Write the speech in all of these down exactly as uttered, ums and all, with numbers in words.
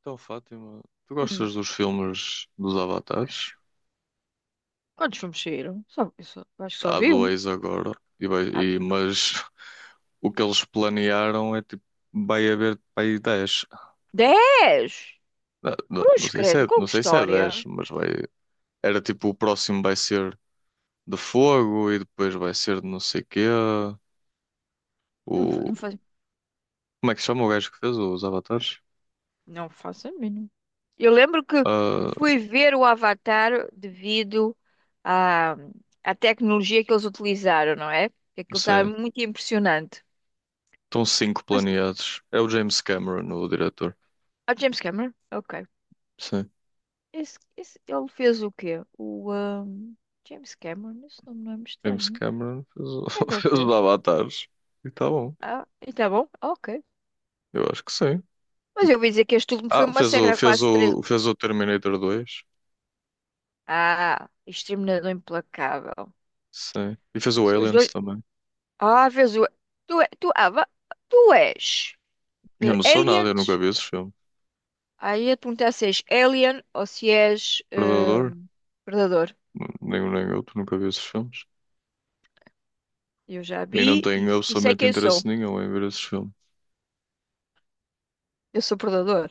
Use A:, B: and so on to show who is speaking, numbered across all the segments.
A: Então, Fátima, tu
B: Hum.
A: gostas dos filmes dos Avatares?
B: Quantos filmes saíram? Só, eu só- acho que só
A: Há
B: vi um.
A: dois agora, e vai-
B: Ah,
A: e- mas o que eles planearam é tipo, vai haver para aí dez.
B: dez!
A: Não, não- não
B: Cruz
A: sei se
B: credo,
A: é,
B: com
A: não
B: que
A: sei se é dez
B: história?
A: mas vai. Era tipo, o próximo vai ser de fogo e depois vai ser de não sei quê.
B: Não, fa-
A: O,
B: não, faz,
A: como é que se chama o gajo que fez os Avatares?
B: não faço a mínima. Eu lembro que
A: Ah,
B: fui ver o Avatar devido à, à tecnologia que eles utilizaram, não é? Que aquilo estava
A: sim,
B: muito impressionante.
A: estão cinco
B: Mas,
A: planeados. É o James Cameron, o diretor.
B: ah, James Cameron? Ok.
A: Sim.
B: Esse, esse, ele fez o quê? O ahm, James Cameron? Esse nome não é
A: James
B: estranho.
A: Cameron fez o,
B: Como é que ele
A: fez os
B: fez?
A: Avatares e está bom.
B: Ah, e tá bom? Ok.
A: Eu acho que sim.
B: Mas eu ouvi dizer que este último foi
A: Ah,
B: uma
A: fez
B: massacre
A: o,
B: há
A: fez
B: quase três.
A: o, fez o Terminator dois.
B: Ah, Exterminador Implacável.
A: Sim. E fez o
B: São os
A: Aliens
B: dois.
A: também.
B: Ah, vês o. Tu, é- tu, ah, va- Tu és
A: Eu
B: eh,
A: não sou nada, eu nunca
B: aliens?
A: vi esses filmes.
B: Aí eu ia te perguntar se és alien ou se és eh,
A: Predador,
B: predador.
A: nenhum nem outro, nunca vi esses filmes.
B: Eu já
A: E não
B: vi e,
A: tenho
B: e sei
A: absolutamente
B: quem
A: interesse
B: sou.
A: nenhum em ver esses filmes.
B: Eu sou predador.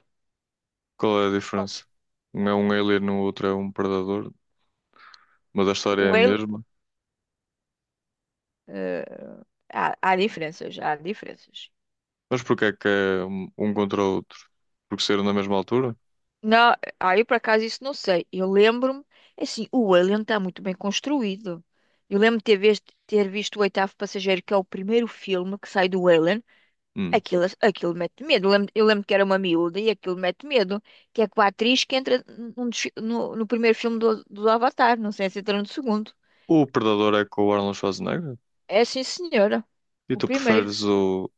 A: Qual é a
B: Como?
A: diferença? Um é um alien, o outro é um predador, mas a história é
B: O
A: a
B: alien.
A: mesma.
B: eh, há, há diferenças, há diferenças.
A: Mas porquê é que é um um contra o outro? Porque saíram na mesma altura?
B: Não, aí por acaso isso não sei. Eu lembro-me, é assim, o Alien está muito bem construído. Eu lembro de ter visto, ter visto o Oitavo Passageiro, que é o primeiro filme que sai do Alien.
A: Hum.
B: Aquilo, aquilo mete medo. Eu lembro, eu lembro que era uma miúda e aquilo mete medo. Que é com a atriz que entra num dos fi- no, no primeiro filme do, do Avatar, não sei se entra no segundo.
A: O predador é com o Arnold Schwarzenegger?
B: É sim, senhora.
A: E
B: O
A: tu
B: primeiro.
A: preferes o,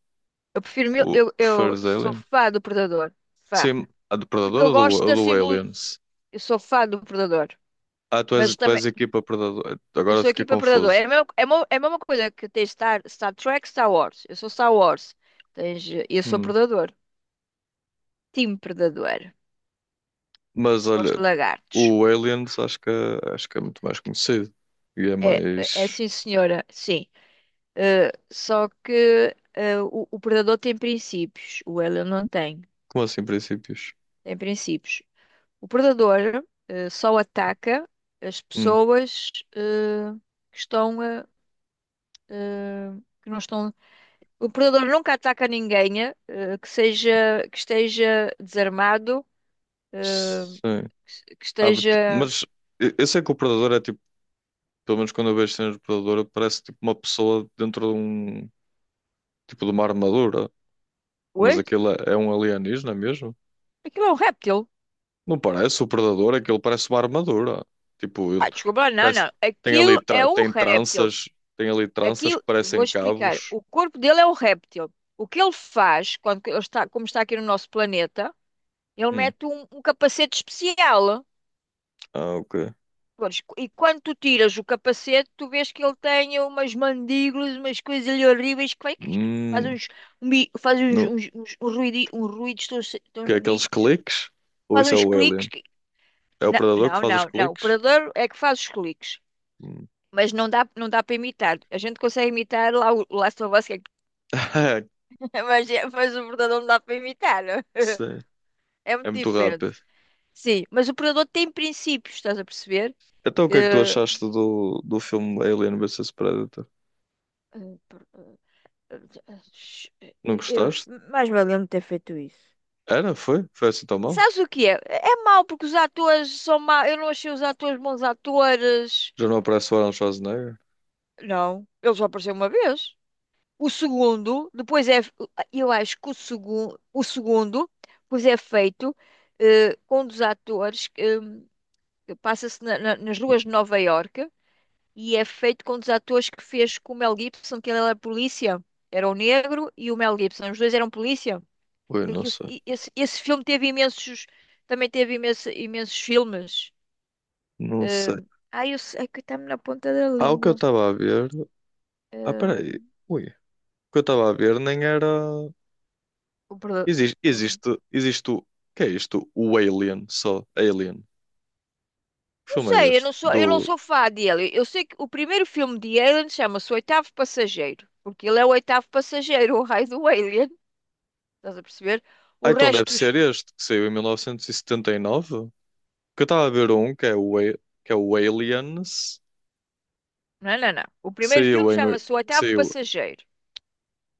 B: Eu prefiro mil,
A: o
B: eu, eu
A: preferes
B: sou
A: Alien?
B: fã do Predador. Fã.
A: Sim, a do
B: Porque
A: Predador
B: eu
A: ou do,
B: gosto
A: ou
B: da
A: do
B: simbologia.
A: Aliens?
B: Eu sou fã do Predador.
A: Ah, tu és,
B: Mas
A: tu
B: também.
A: és a equipa Predador.
B: Eu
A: Agora
B: sou
A: fiquei
B: equipe predador.
A: confuso.
B: É a mesma, é mo- é a mesma coisa que ter Star, Star Trek, Star Wars. Eu sou Star Wars. Tens, eh, eu sou
A: Hum.
B: predador. Time predador.
A: Mas
B: Gosto
A: olha,
B: de lagartos.
A: o Aliens acho que, é- acho que é muito mais conhecido. E é
B: É, é é
A: mais.
B: sim, senhora. Sim. Eh, só que eh, o, o predador tem princípios. O alien não tem.
A: Como assim, princípios?
B: Tem princípios. O predador eh, só ataca as
A: Hum.
B: pessoas eh, que estão, eh, eh, que não estão. O predador nunca ataca ninguém, eh, que seja, que esteja desarmado, eh,
A: Sim.
B: que se- que
A: Abre-te-
B: esteja.
A: Mas eu eu sei que o Predador é tipo, pelo menos quando eu vejo cenas do Predador, parece tipo uma pessoa dentro de um tipo de uma armadura. Mas
B: Oi?
A: aquilo é, é um alienígena mesmo?
B: Aquilo é um réptil?
A: Não parece o predador, aquilo parece uma armadura. Tipo, ele
B: Ah, desculpa, lá, não,
A: parece,
B: não.
A: tem ali
B: Aquilo é
A: tra-
B: um
A: tem
B: réptil.
A: tranças, tem ali tranças
B: Aquilo,
A: que
B: vou
A: parecem
B: explicar.
A: cabos.
B: O corpo dele é um réptil. O que ele faz, quando que ele está, como está aqui no nosso planeta, ele
A: Hum.
B: mete um, um capacete especial.
A: Ah, ok.
B: Pois, e quando tu tiras o capacete, tu vês que ele tem umas mandíbulas, umas coisas ali horríveis que vai, faz
A: Hum.
B: uns, um faz uns,
A: No...
B: uns, uns, uns ruidi- uns ruídos tão, se-
A: Que é
B: tão
A: aqueles
B: bonitos.
A: cliques? Ou
B: Faz
A: isso é
B: uns
A: o
B: cliques
A: alien?
B: que...
A: É o
B: Não,
A: predador que
B: não,
A: faz os
B: não, não. O
A: cliques?
B: predador é que faz os cliques.
A: Hum.
B: Mas não dá, não dá para imitar. A gente consegue imitar lá o o Last of Us, que é... mas, é- mas o predador não dá para imitar, não?
A: Sei.
B: É
A: É
B: muito
A: muito
B: diferente.
A: rápido.
B: Sim, mas o predador tem princípios, estás a perceber?
A: Então o que é que tu
B: Eh,
A: achaste do, do filme Alien versus Predator?
B: eh, per-
A: Não
B: Eu,
A: gostaste?
B: mais valia me ter feito isso.
A: Era? Foi? Foi assim tão mal?
B: Sabes o que é? É mau porque os atores são maus. Eu não achei os atores bons atores.
A: Já não aparece o Arnold Schwarzenegger?
B: Não, ele só apareceu uma vez. O segundo, depois é. Eu acho que o segundo, o segundo, pois é feito eh, com um dos atores que hum, que passa-se na- na- nas ruas de Nova Iorque e é feito com um dos atores que fez com o Mel Gibson, que ele era polícia. Era o negro e o Mel Gibson. Os dois eram polícia.
A: Ui, não
B: Aquilo-
A: sei.
B: e- esse, esse filme teve imensos. Também teve imenso- imensos filmes.
A: Não sei.
B: Ahm, Ai, eu sei é que está-me na ponta da
A: Há o que eu
B: língua.
A: estava a ver. Ah, peraí.
B: Ahm,
A: Ui. O que eu estava a ver nem era.
B: o Preda-
A: Existe,
B: o-
A: existe, existe o. Que é isto? O Alien, só. Alien. Que
B: não
A: filme é
B: sei, eu
A: este?
B: não sou,
A: Do.
B: eu não sou fã dele. Eu sei que o primeiro filme de Alien chama-se O Oitavo Passageiro, porque ele é o oitavo passageiro, o raio do Alien. Estás a perceber? O
A: Ah, então deve
B: resto. dos-
A: ser este, que saiu em mil novecentos e e setenta e nove. Que eu estava a ver um, que é o, A- que é o Aliens,
B: Não, não, não. O
A: que
B: primeiro filme
A: saiu em. oi-
B: chama-se O
A: Que
B: Oitavo
A: saiu.
B: Passageiro.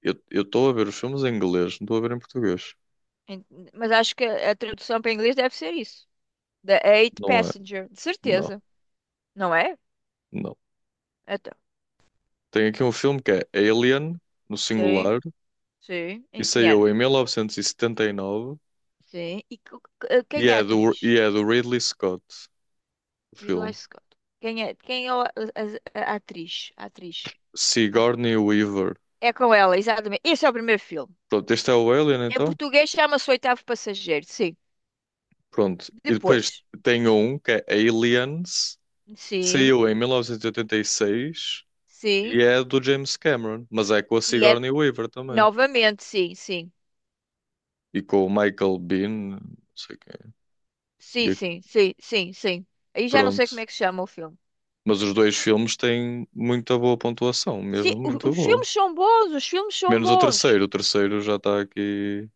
A: Eu eu estou a ver os filmes em inglês, não estou a ver em português.
B: Ent- Mas acho que a a tradução para inglês deve ser isso. The Eight
A: Não é.
B: Passenger, de
A: Não,
B: certeza, não é?
A: não. Tem aqui um filme que é Alien, no
B: Sim,
A: singular,
B: sim.
A: e
B: Em que
A: saiu
B: ano?
A: em mil novecentos e e setenta e nove
B: Sim. E que- que-
A: e
B: quem é a
A: é do,
B: atriz?
A: e é do Ridley Scott, o
B: Ridley
A: filme.
B: Scott. Quem é, quem é a, a- a- a atriz? A atriz. A atri-
A: Sigourney Weaver.
B: É com ela, exatamente. Esse é o primeiro filme.
A: Pronto, este é o Alien
B: Em
A: então.
B: português chama-se Oitavo Passageiro, sim.
A: Pronto. E depois
B: Depois.
A: tem um que é Aliens.
B: Sim,
A: Saiu em mil novecentos e oitenta e seis e oitenta e seis e
B: sim.
A: é do James Cameron, mas é com a
B: E é
A: Sigourney Weaver também.
B: novamente, sim, sim.
A: E com o Michael Bean, não sei quem é.
B: Sim,
A: E
B: sim, sim, sim, sim. Aí já não sei como é
A: pronto.
B: que se chama o filme.
A: Mas os dois filmes têm muita boa pontuação,
B: Sim,
A: mesmo
B: o-
A: muito
B: os
A: boa.
B: filmes são bons, os filmes são
A: Menos o
B: bons.
A: terceiro. O terceiro já está aqui.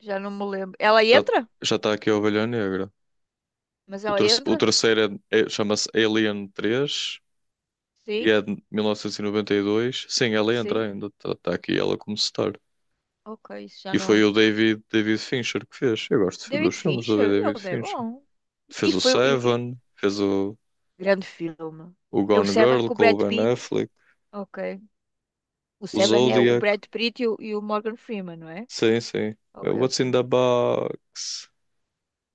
B: Já não me lembro. Ela
A: Já,
B: entra?
A: já está aqui a Ovelha Negra.
B: Mas
A: O,
B: ela
A: ter- o
B: entra?
A: terceiro é- é- chama-se Alien três. E
B: Sim,
A: é de mil novecentos e noventa e dois. Sim, ela entra
B: sim.
A: ainda. Está aqui ela como star.
B: Ok, isso já
A: E foi
B: não.
A: o David, David Fincher que fez. Eu gosto
B: David
A: dos filmes do
B: Fincher,
A: David
B: ele é
A: Fincher.
B: bom. E
A: Fez o
B: foi o e- e-
A: Seven, fez o,
B: grande filme.
A: o
B: É o
A: Gone
B: Seven
A: Girl
B: com o
A: com o
B: Brad
A: Ben
B: Pitt.
A: Affleck,
B: Ok. O
A: o
B: Seven é o
A: Zodiac.
B: Brad Pitt e o, e o Morgan Freeman, não é?
A: Sim, sim. Uh,
B: Ok,
A: what's in
B: ok.
A: the box?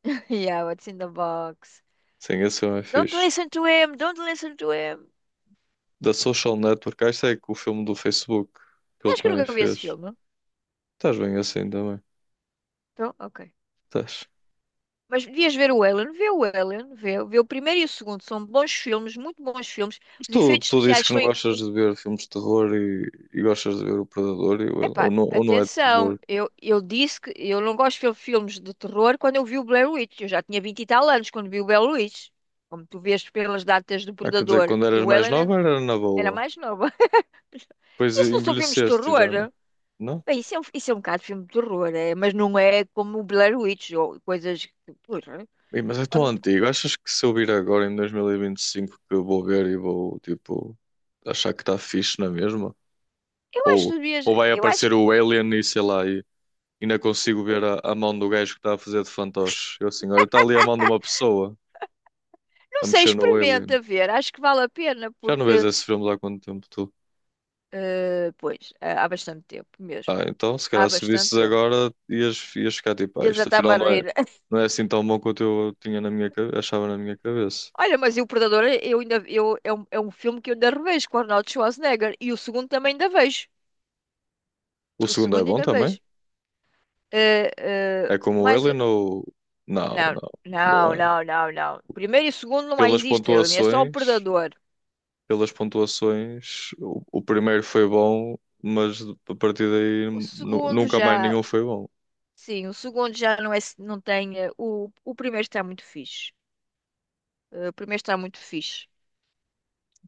B: Yeah, what's in the box?
A: Sim, esse filme é
B: Don't
A: fixe.
B: listen to him, don't listen to him.
A: Da Social Network. Ah, isto é que o filme do Facebook que ele
B: Acho que eu
A: também
B: nunca vi esse
A: fez.
B: filme.
A: Estás bem assim também.
B: Então, ok.
A: Estás.
B: Mas devias ver o Ellen, vê o Ellen, vê, vê o primeiro e o segundo. São bons filmes, muito bons filmes. Os
A: Tu,
B: efeitos
A: tu dizes
B: especiais
A: que não
B: são.
A: gostas de ver filmes de terror e, e gostas de ver O Predador, e o- ou,
B: Epá,
A: não, ou não é de
B: atenção,
A: terror?
B: eu, eu disse que eu não gosto de fil- filmes de terror quando eu vi o Blair Witch. Eu já tinha vinte e tal anos quando vi o Blair Witch. Como tu vês pelas datas do
A: Ah, quer dizer,
B: Predador.
A: quando
B: E
A: eras
B: o
A: mais
B: Alien
A: nova era na
B: era
A: boa,
B: mais nova.
A: depois
B: Isso não são filmes de
A: envelheceste e já não.
B: terror?
A: Não?
B: Bem, isso é um, isso é um bocado filme de terror, é, mas não é como o Blair Witch ou coisas que. Porra,
A: Ei, mas é tão
B: quando-
A: antigo. Achas que se eu vir agora em dois mil e e vinte e cinco que eu vou ver e vou, tipo, achar que está fixe na mesma?
B: eu acho que
A: Ou,
B: devias-
A: ou vai
B: eu acho
A: aparecer
B: que.
A: o Alien e sei lá, e e ainda consigo ver a, a mão do gajo que está a fazer de fantoche? Eu assim, olha, está ali a mão de uma pessoa
B: Não
A: a
B: sei,
A: mexer no Alien.
B: experimenta ver. Acho que vale a pena
A: Já não vês
B: porque.
A: esses filmes há quanto tempo, tu?
B: eh, pois, há há bastante tempo mesmo.
A: Ah, então, se
B: Há
A: calhar se visses
B: bastante tempo.
A: agora, ias, ias ficar tipo, ah,
B: Eles
A: isto
B: até me
A: afinal
B: a
A: não é,
B: rir.
A: não é assim tão bom quanto eu tinha na minha, cabe- achava na minha cabeça.
B: Olha, mas e o Predador, eu ainda, eu, é um, é um filme que eu ainda revejo com o Arnold Schwarzenegger. E o segundo também ainda vejo.
A: O
B: O
A: segundo é
B: segundo
A: bom
B: ainda
A: também?
B: vejo. Eh, eh,
A: É como o
B: mas,
A: Alien ou... Não,
B: não,
A: não, não
B: não,
A: é.
B: não, não, não. Primeiro e o segundo não
A: Pelas
B: existem, Aline, é só o
A: pontuações,
B: Predador.
A: pelas pontuações, o, o primeiro foi bom, mas a partir
B: O
A: daí nu-
B: segundo
A: nunca mais
B: já,
A: nenhum foi bom.
B: sim, o segundo já não é, não tem, eh, o, o primeiro está muito fixe. Eh, o primeiro está muito fixe.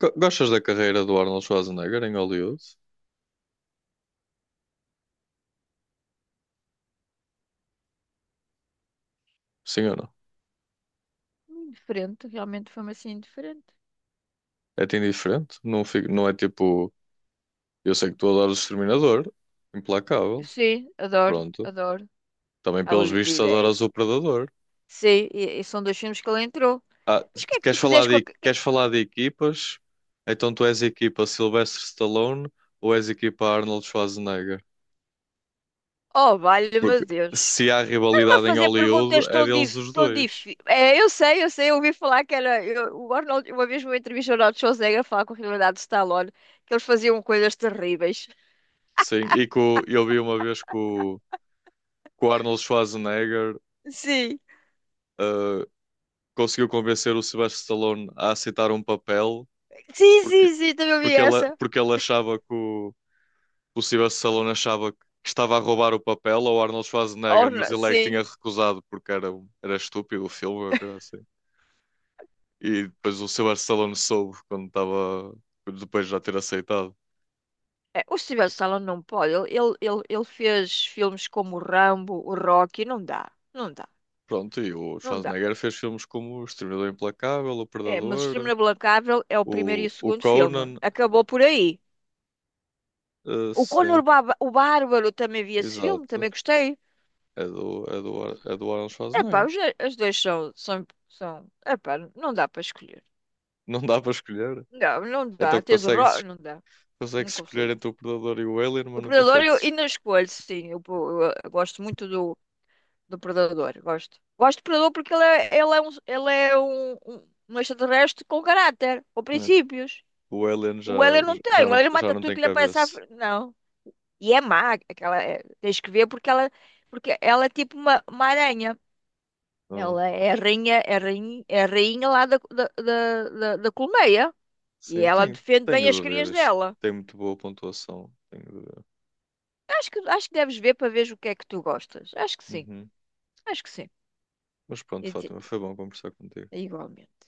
A: Go- Gostas da carreira do Arnold Schwarzenegger em Hollywood? Sim ou não?
B: Indiferente, realmente foi-me assim indiferente.
A: É-te indiferente? Não, fico, não é tipo, eu sei que tu adoras o Exterminador, implacável.
B: Sim, adoro,
A: Pronto.
B: adoro.
A: Também,
B: I
A: pelos
B: will be
A: vistos,
B: back.
A: adoras o Predador.
B: Sim, e, e são dois filmes que ele entrou.
A: Ah,
B: Mas
A: se-
B: o que é que
A: queres
B: tu
A: falar
B: quiseres com a...
A: de,
B: ca- que-
A: queres falar de equipas? Então tu és equipa Sylvester Stallone ou és equipa Arnold Schwarzenegger?
B: Oh, valha, meu
A: Porque
B: Deus.
A: se há
B: Estás-me a
A: rivalidade em
B: fazer perguntas
A: Hollywood, é
B: tão
A: deles
B: dif...
A: os
B: tão
A: dois.
B: dif... É, eu sei, eu sei, eu ouvi falar que era... eu- o Arnold, uma vez numa entrevista ao Arnold Schwarzenegger falar com a realidade de Stallone, que eles faziam coisas terríveis.
A: Sim, e que o- eu vi uma vez que o, que o Arnold Schwarzenegger
B: Sim.
A: ah, conseguiu convencer o Sylvester Stallone a aceitar um papel
B: Sim,
A: porque,
B: sim, sim, também ouvi
A: porque, ele,
B: essa.
A: porque ele achava que o, o Sylvester Stallone achava que estava a roubar o papel ao Arnold Schwarzenegger,
B: Oh,
A: mas
B: não,
A: ele é que
B: sim.
A: tinha recusado porque era, um- era estúpido o filme, ou coisa assim. E depois o Sylvester Stallone soube quando estava, depois de já ter aceitado.
B: É, o Steven Stallone não pode. Ele, ele, ele, ele fez filmes como o Rambo, o Rocky. Não dá, não dá,
A: Pronto, e o
B: não dá.
A: Schwarzenegger fez filmes como O Exterminador Implacável, O
B: É, mas o
A: Predador,
B: Exterminador Implacável é o primeiro e
A: o,
B: o
A: o
B: segundo filme.
A: Conan,
B: Acabou por aí.
A: eh,
B: O Conor
A: sim,
B: o Ba- o Bárbaro também vi esse filme,
A: exato.
B: também gostei.
A: É do, é do, Ar- é do Arnold
B: Epá,
A: Schwarzenegger.
B: os, as duas são, são, são. Epá, não dá para escolher.
A: Não dá para escolher.
B: Não, não
A: Então
B: dá. Tens o Ro...
A: consegue-se
B: Não dá.
A: consegue
B: Não
A: escolher
B: consigo.
A: entre o Predador e o Alien,
B: O
A: mas não
B: Predador eu
A: consegue-se
B: ainda escolho, sim. Eu, eu- eu gosto muito do, do Predador. Gosto. Gosto do Predador porque ele é, ele é um, ele é um, um, um extraterrestre com caráter, com
A: escolher.
B: princípios.
A: O Alien já,
B: O Alien não tem.
A: já
B: O
A: não,
B: Alien
A: já
B: mata
A: não
B: tudo
A: tem
B: que lhe aparece à
A: cabeça.
B: frente. Não. E é má. Aquela, é- tens que ver porque ela, porque ela é tipo uma, uma aranha.
A: Ah,
B: Ela é a rainha, é a rainha, é a rainha lá da, da, da, da- da colmeia. E
A: sim,
B: ela
A: tem,
B: defende bem
A: tenho
B: as
A: de ver.
B: crias
A: Isto
B: dela.
A: tem muito boa pontuação. Tenho de ver.
B: Acho que, acho que deves ver para ver o que é que tu gostas. Acho que sim,
A: Uhum.
B: acho que sim.
A: Mas pronto,
B: E te-
A: Fátima, foi bom conversar contigo.
B: Igualmente.